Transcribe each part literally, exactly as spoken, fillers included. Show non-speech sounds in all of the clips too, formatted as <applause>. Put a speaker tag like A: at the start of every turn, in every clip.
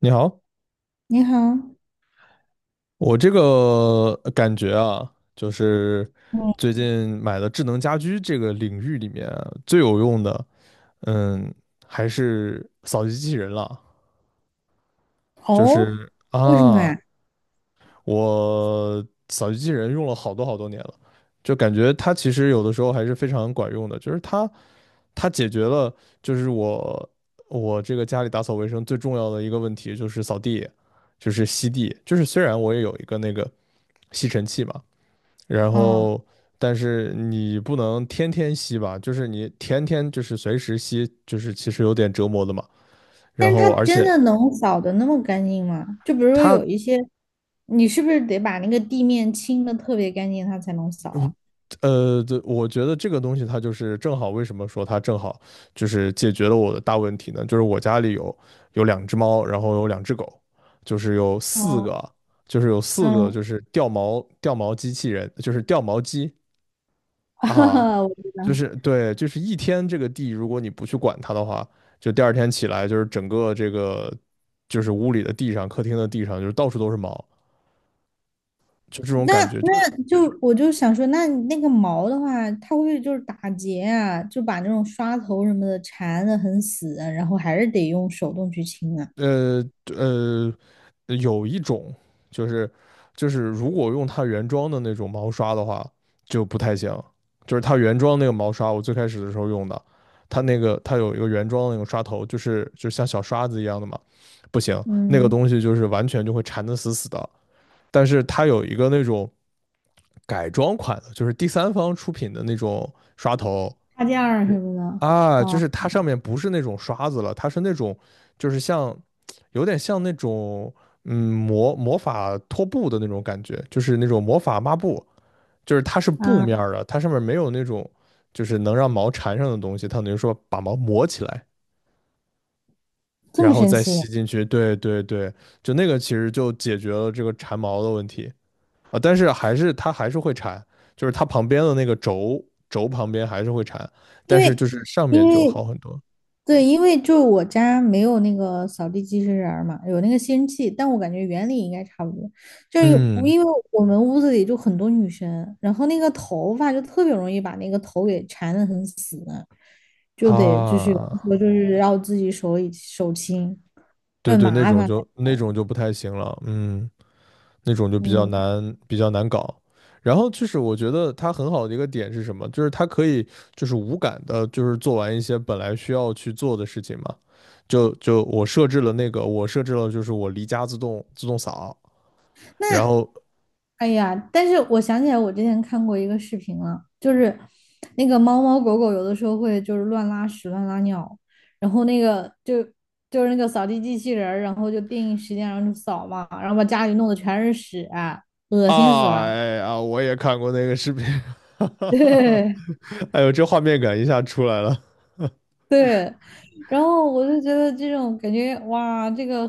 A: 你好，
B: 你好，
A: 我这个呃感觉啊，就是
B: 嗯，
A: 最近买的智能家居这个领域里面啊最有用的，嗯，还是扫地机器人了。就
B: 哦，
A: 是
B: 为什么
A: 啊，
B: 呀？
A: 我扫地机器人用了好多好多年了，就感觉它其实有的时候还是非常管用的，就是它它解决了就是我我这个家里打扫卫生最重要的一个问题就是扫地，就是吸地，就是虽然我也有一个那个吸尘器嘛，然
B: 哦，
A: 后但是你不能天天吸吧，就是你天天就是随时吸，就是其实有点折磨的嘛，
B: 但
A: 然
B: 是它
A: 后而
B: 真
A: 且。
B: 的能扫的那么干净吗？就比如说
A: 它。
B: 有一些，你是不是得把那个地面清的特别干净，它才能扫啊？
A: 呃，对，我觉得这个东西它就是正好，为什么说它正好就是解决了我的大问题呢？就是我家里有有两只猫，然后有两只狗，就是有四
B: 嗯
A: 个，就是有四个就
B: 嗯，<laughs>
A: 是掉毛掉毛机器人，就是掉毛机
B: 哈
A: 啊，
B: 哈，我知
A: 就
B: 道。
A: 是对，就是一天这个地，如果你不去管它的话，就第二天起来就是整个这个就是屋里的地上、客厅的地上就是到处都是毛，就这种
B: 那
A: 感觉，就是
B: 那就我就想说，那那个毛的话，它会不会就是打结啊？就把那种刷头什么的缠的很死啊，然后还是得用手动去清啊？
A: 呃呃，有一种就是就是如果用它原装的那种毛刷的话，就不太行。就是它原装那个毛刷，我最开始的时候用的，它那个它有一个原装的那个刷头，就是就像小刷子一样的嘛，不行，那个
B: 嗯，
A: 东西就是完全就会缠得死死的。但是它有一个那种改装款的，就是第三方出品的那种刷头，
B: 插件儿
A: 是
B: 什么的。
A: 啊，就
B: 哦，
A: 是它上面不是那种刷子了，它是那种就是像有点像那种嗯魔魔法拖布的那种感觉，就是那种魔法抹布，就是它是布
B: 啊，
A: 面儿的，它上面没有那种就是能让毛缠上的东西，它等于说把毛磨起来，
B: 这
A: 然
B: 么
A: 后
B: 神
A: 再
B: 奇。
A: 吸进去。对对对，就那个其实就解决了这个缠毛的问题啊，但是还是它还是会缠，就是它旁边的那个轴轴旁边还是会缠，
B: 因
A: 但是
B: 为
A: 就是上
B: 因
A: 面就
B: 为
A: 好很多。
B: 对，因为就是我家没有那个扫地机器人儿嘛，有那个吸尘器，但我感觉原理应该差不多。就是有
A: 嗯
B: 因为我们屋子里就很多女生，然后那个头发就特别容易把那个头给缠得很死，就得就是有的
A: 啊，
B: 时候就是要自己手里手轻，就
A: 对
B: 很
A: 对，那
B: 麻
A: 种
B: 烦。
A: 就那种就不太行了，嗯，那种就比较
B: 嗯。
A: 难比较难搞。然后就是我觉得它很好的一个点是什么？就是它可以就是无感的，就是做完一些本来需要去做的事情嘛。就就我设置了那个，我设置了就是我离家自动自动扫，然
B: 那，
A: 后
B: 哎呀，但是我想起来，我之前看过一个视频了，就是那个猫猫狗狗有的时候会就是乱拉屎、乱拉尿，然后那个就就是那个扫地机器人儿然后就定时间，然后就扫嘛，然后把家里弄得全是屎啊，恶心死
A: 啊
B: 了。
A: 哎呀，我也看过那个视频，<laughs> 哈
B: <laughs>
A: 哈哈哈，
B: 对
A: 哎呦，这画面感一下出来了。
B: 对，然后我就觉得这种感觉，哇，这个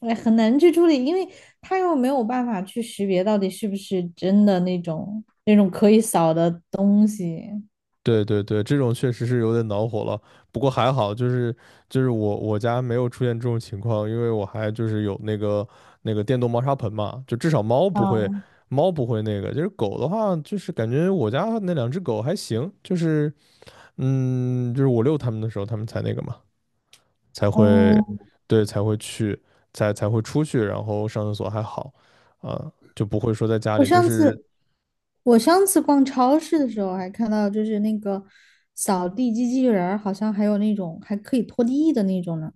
B: 哎很难去处理，因为它又没有办法去识别到底是不是真的那种那种可以扫的东西。
A: 对对对，这种确实是有点恼火了。不过还好，就是就是我我家没有出现这种情况，因为我还就是有那个那个电动猫砂盆嘛，就至少猫不会
B: 哦，
A: 猫不会那个。就是狗的话，就是感觉我家那两只狗还行，就是嗯，就是我遛它们的时候，它们才那个嘛，才会
B: 哦，
A: 对才会去才才会出去，然后上厕所还好啊，就不会说在家
B: 我
A: 里就
B: 上
A: 是。
B: 次我上次逛超市的时候还看到，就是那个扫地机器人儿，好像还有那种还可以拖地的那种呢。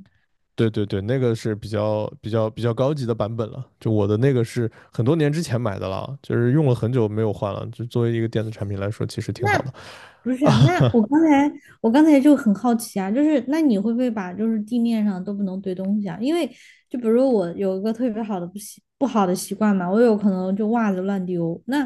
A: 对对对，那个是比较比较比较高级的版本了。就我的那个是很多年之前买的了，就是用了很久没有换了。就作为一个电子产品来说，其实挺好的。
B: 那不是啊，那我
A: 啊，
B: 刚才我刚才就很好奇啊，就是那你会不会把就是地面上都不能堆东西啊？因为就比如说我有一个特别好的不习不好的习惯嘛，我有可能就袜子乱丢。那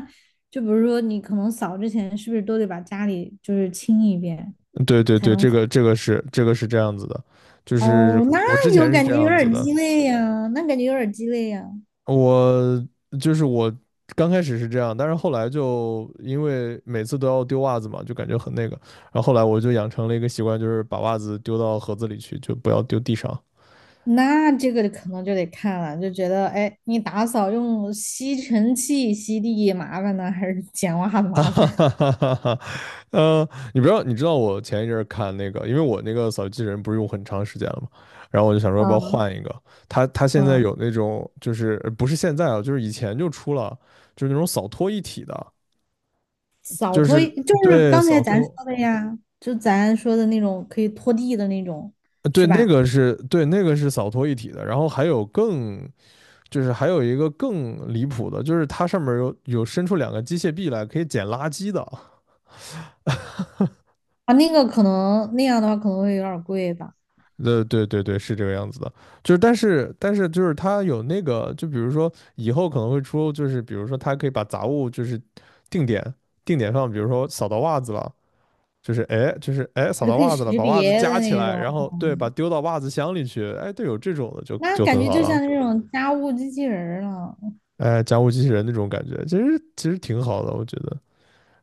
B: 就比如说你可能扫之前是不是都得把家里就是清一遍
A: <laughs> 对对
B: 才
A: 对，
B: 能？
A: 这
B: 扫？
A: 个这个是这个是这样子的，就是
B: 哦，
A: 我之
B: 那有
A: 前是
B: 感觉
A: 这
B: 有点
A: 样子
B: 儿
A: 的，
B: 鸡肋呀，那感觉有点儿鸡肋呀。
A: 我就是我刚开始是这样，但是后来就因为每次都要丢袜子嘛，就感觉很那个，然后后来我就养成了一个习惯，就是把袜子丢到盒子里去，就不要丢地上。
B: 那这个可能就得看了，就觉得，哎，你打扫用吸尘器吸地麻烦呢，还是捡袜子
A: <laughs>
B: 麻
A: 啊
B: 烦？
A: 哈哈哈哈哈，呃，你不知道，你知道我前一阵儿看那个，因为我那个扫地机器人不是用很长时间了嘛，然后我就想说
B: <laughs>
A: 要不要
B: 嗯
A: 换一个。它它现在
B: 嗯，
A: 有那种，就是呃不是现在啊，就是以前就出了，就是那种扫拖一体的，
B: 扫
A: 就
B: 拖
A: 是
B: 就是
A: 对
B: 刚才
A: 扫
B: 咱说
A: 拖，
B: 的呀，就咱说的那种可以拖地的那种，
A: 呃对
B: 是
A: 那
B: 吧？
A: 个是对那个是扫拖一体的，然后还有更就是还有一个更离谱的，就是它上面有有伸出两个机械臂来可以捡垃圾的。
B: 啊，那个可能那样的话可能会有点儿贵吧，
A: 呃，对对对，是这个样子的，就是但是但是就是它有那个，就比如说以后可能会出，就是比如说它可以把杂物就是定点定点放，比如说扫到袜子了，就是哎就是哎扫
B: 就
A: 到
B: 可以
A: 袜子了，
B: 识
A: 把袜子
B: 别
A: 夹
B: 的
A: 起
B: 那
A: 来，
B: 种，
A: 然后对，把丢到袜子箱里去，哎，对，有这种的就
B: 那
A: 就
B: 感
A: 很
B: 觉
A: 好
B: 就
A: 了，
B: 像那种家务机器人儿了。
A: 哎，家务机器人那种感觉，其实其实挺好的，我觉得，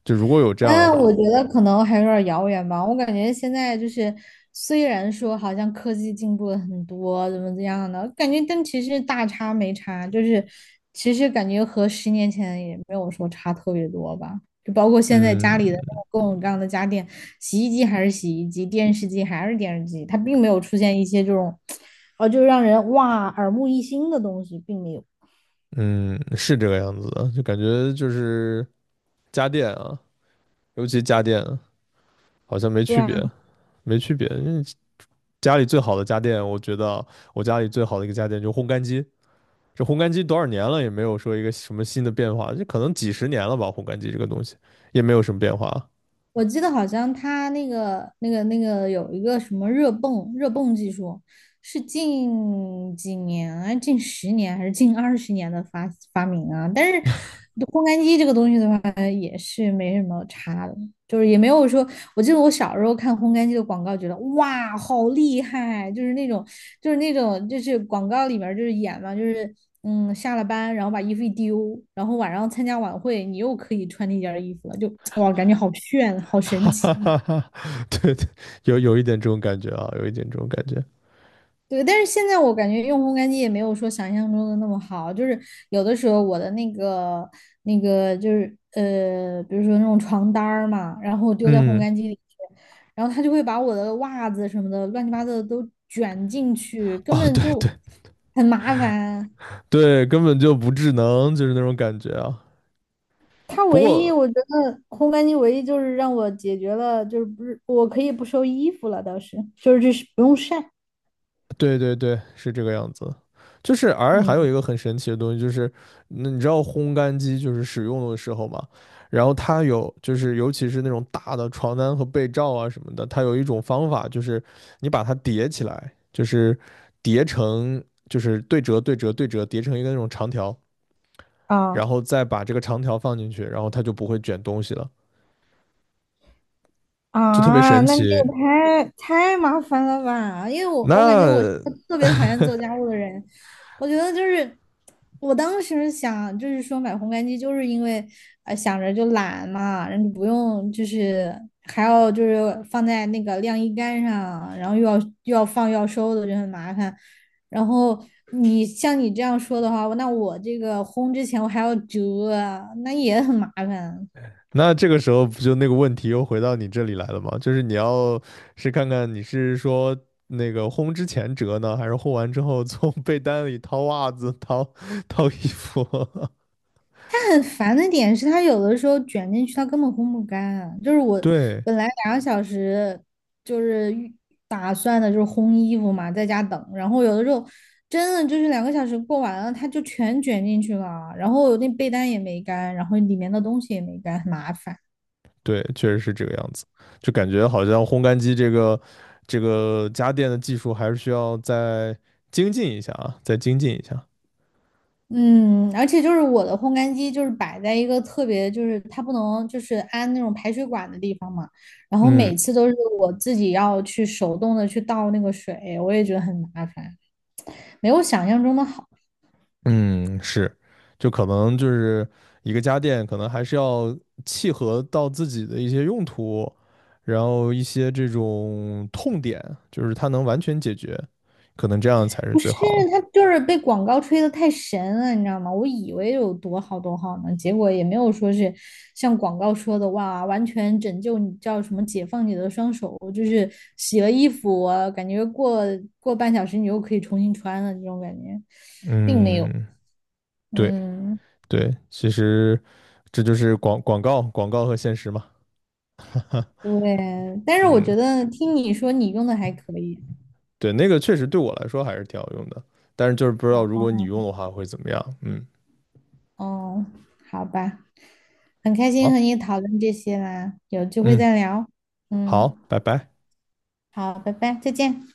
A: 就如果有这样的
B: 但
A: 话，
B: 我觉得可能还有点儿遥远吧。我感觉现在就是，虽然说好像科技进步了很多，怎么怎样的，感觉但其实大差没差，就是其实感觉和十年前也没有说差特别多吧。就包括现在
A: 嗯
B: 家里的各种各样的家电，洗衣机还是洗衣机，电视机还是电视机，它并没有出现一些这种，呃，就让人哇耳目一新的东西，并没有。
A: 嗯，是这个样子的，就感觉就是家电啊，尤其家电啊好像没
B: 对
A: 区
B: 啊。
A: 别。没区别。因为家里最好的家电，我觉得我家里最好的一个家电就是烘干机。这烘干机多少年了也没有说一个什么新的变化，这可能几十年了吧。烘干机这个东西也没有什么变化，
B: 我记得好像他那个、那个、那个有一个什么热泵、热泵技术，是近几年，啊，近十年还是近二十年的发发明啊？但是烘干机这个东西的话，也是没什么差的，就是也没有说。我记得我小时候看烘干机的广告，觉得哇，好厉害！就是那种就是那种就是广告里面就是演嘛，就是嗯下了班然后把衣服一丢，然后晚上参加晚会你又可以穿那件衣服了，就哇感觉好炫，好
A: <laughs>
B: 神
A: 哈哈
B: 奇。
A: 哈哈。<laughs> 对对，有有一点这种感觉啊，有一点这种感觉。
B: 对，但是现在我感觉用烘干机也没有说想象中的那么好，就是有的时候我的那个那个就是呃，比如说那种床单儿嘛，然后丢在烘
A: 嗯，
B: 干机里去，然后它就会把我的袜子什么的乱七八糟的都卷进去，根
A: 哦，
B: 本
A: 对
B: 就
A: 对
B: 很麻烦。
A: 对，根本就不智能，就是那种感觉啊。
B: 它
A: 不
B: 唯一
A: 过
B: 我觉得烘干机唯一就是让我解决了，就是不是我可以不收衣服了，倒是就是就是不用晒。
A: 对对对，是这个样子。就是，而还有
B: 嗯
A: 一个很神奇的东西，就是那你知道烘干机就是使用的时候嘛，然后它有就是尤其是那种大的床单和被罩啊什么的，它有一种方法，就是你把它叠起来，就是叠成就是对折对折对折叠成一个那种长条，然
B: 啊。
A: 后再把这个长条放进去，然后它就不会卷东西了，就特别
B: 啊，
A: 神
B: 那你
A: 奇。
B: 这个太太麻烦了吧？因为我我感觉我是个
A: 那
B: 特别讨厌做家务的人，我觉得就是我当时想就是说买烘干机，就是因为呃想着就懒嘛，然后就不用就是还要就是放在那个晾衣杆上，然后又要又要放又要收的就很麻烦。然后你像你这样说的话，那我这个烘之前我还要折啊那也很麻烦。
A: 那这个时候不就那个问题又回到你这里来了吗？就是你要是看看你是说那个烘之前折呢，还是烘完之后从被单里掏袜子、掏掏衣服？
B: 它很烦的点是，它有的时候卷进去，它根本烘不干啊。就是
A: <laughs>
B: 我
A: 对
B: 本来两个小时就是预打算的，就是烘衣服嘛，在家等。然后有的时候真的就是两个小时过完了，它就全卷进去了。然后那被单也没干，然后里面的东西也没干，很麻烦。
A: 对，确实是这个样子，就感觉好像烘干机这个这个家电的技术还是需要再精进一下啊，再精进一下。
B: 嗯，而且就是我的烘干机就是摆在一个特别，就是它不能就是安那种排水管的地方嘛，然后
A: 嗯。
B: 每次都是我自己要去手动的去倒那个水，我也觉得很麻烦。没有想象中的好。
A: 嗯，是，就可能就是一个家电，可能还是要契合到自己的一些用途，然后一些这种痛点，就是它能完全解决，可能这样才是
B: 不是，
A: 最好的
B: 他就是被广告吹得太神了，你知道吗？我以为有多好多好呢，结果也没有说是像广告说的哇，完全拯救你，叫什么解放你的双手，就是洗了衣服，啊感觉过过半小时你又可以重新穿了这种感觉，并没有。
A: 嗯，对
B: 嗯，
A: 对，其实这就是广广告广告和现实嘛。
B: 对，但是我
A: 嗯，
B: 觉得听你说你用的还可以
A: 对，那个确实对我来说还是挺好用的，但是就是不知道如
B: 啊，
A: 果你用的话会怎么样。嗯，
B: 哦，好吧，很开心
A: 好，
B: 和你讨论这些啦，有机会
A: 嗯，
B: 再聊。嗯。
A: 好，拜拜。
B: 好，拜拜，再见。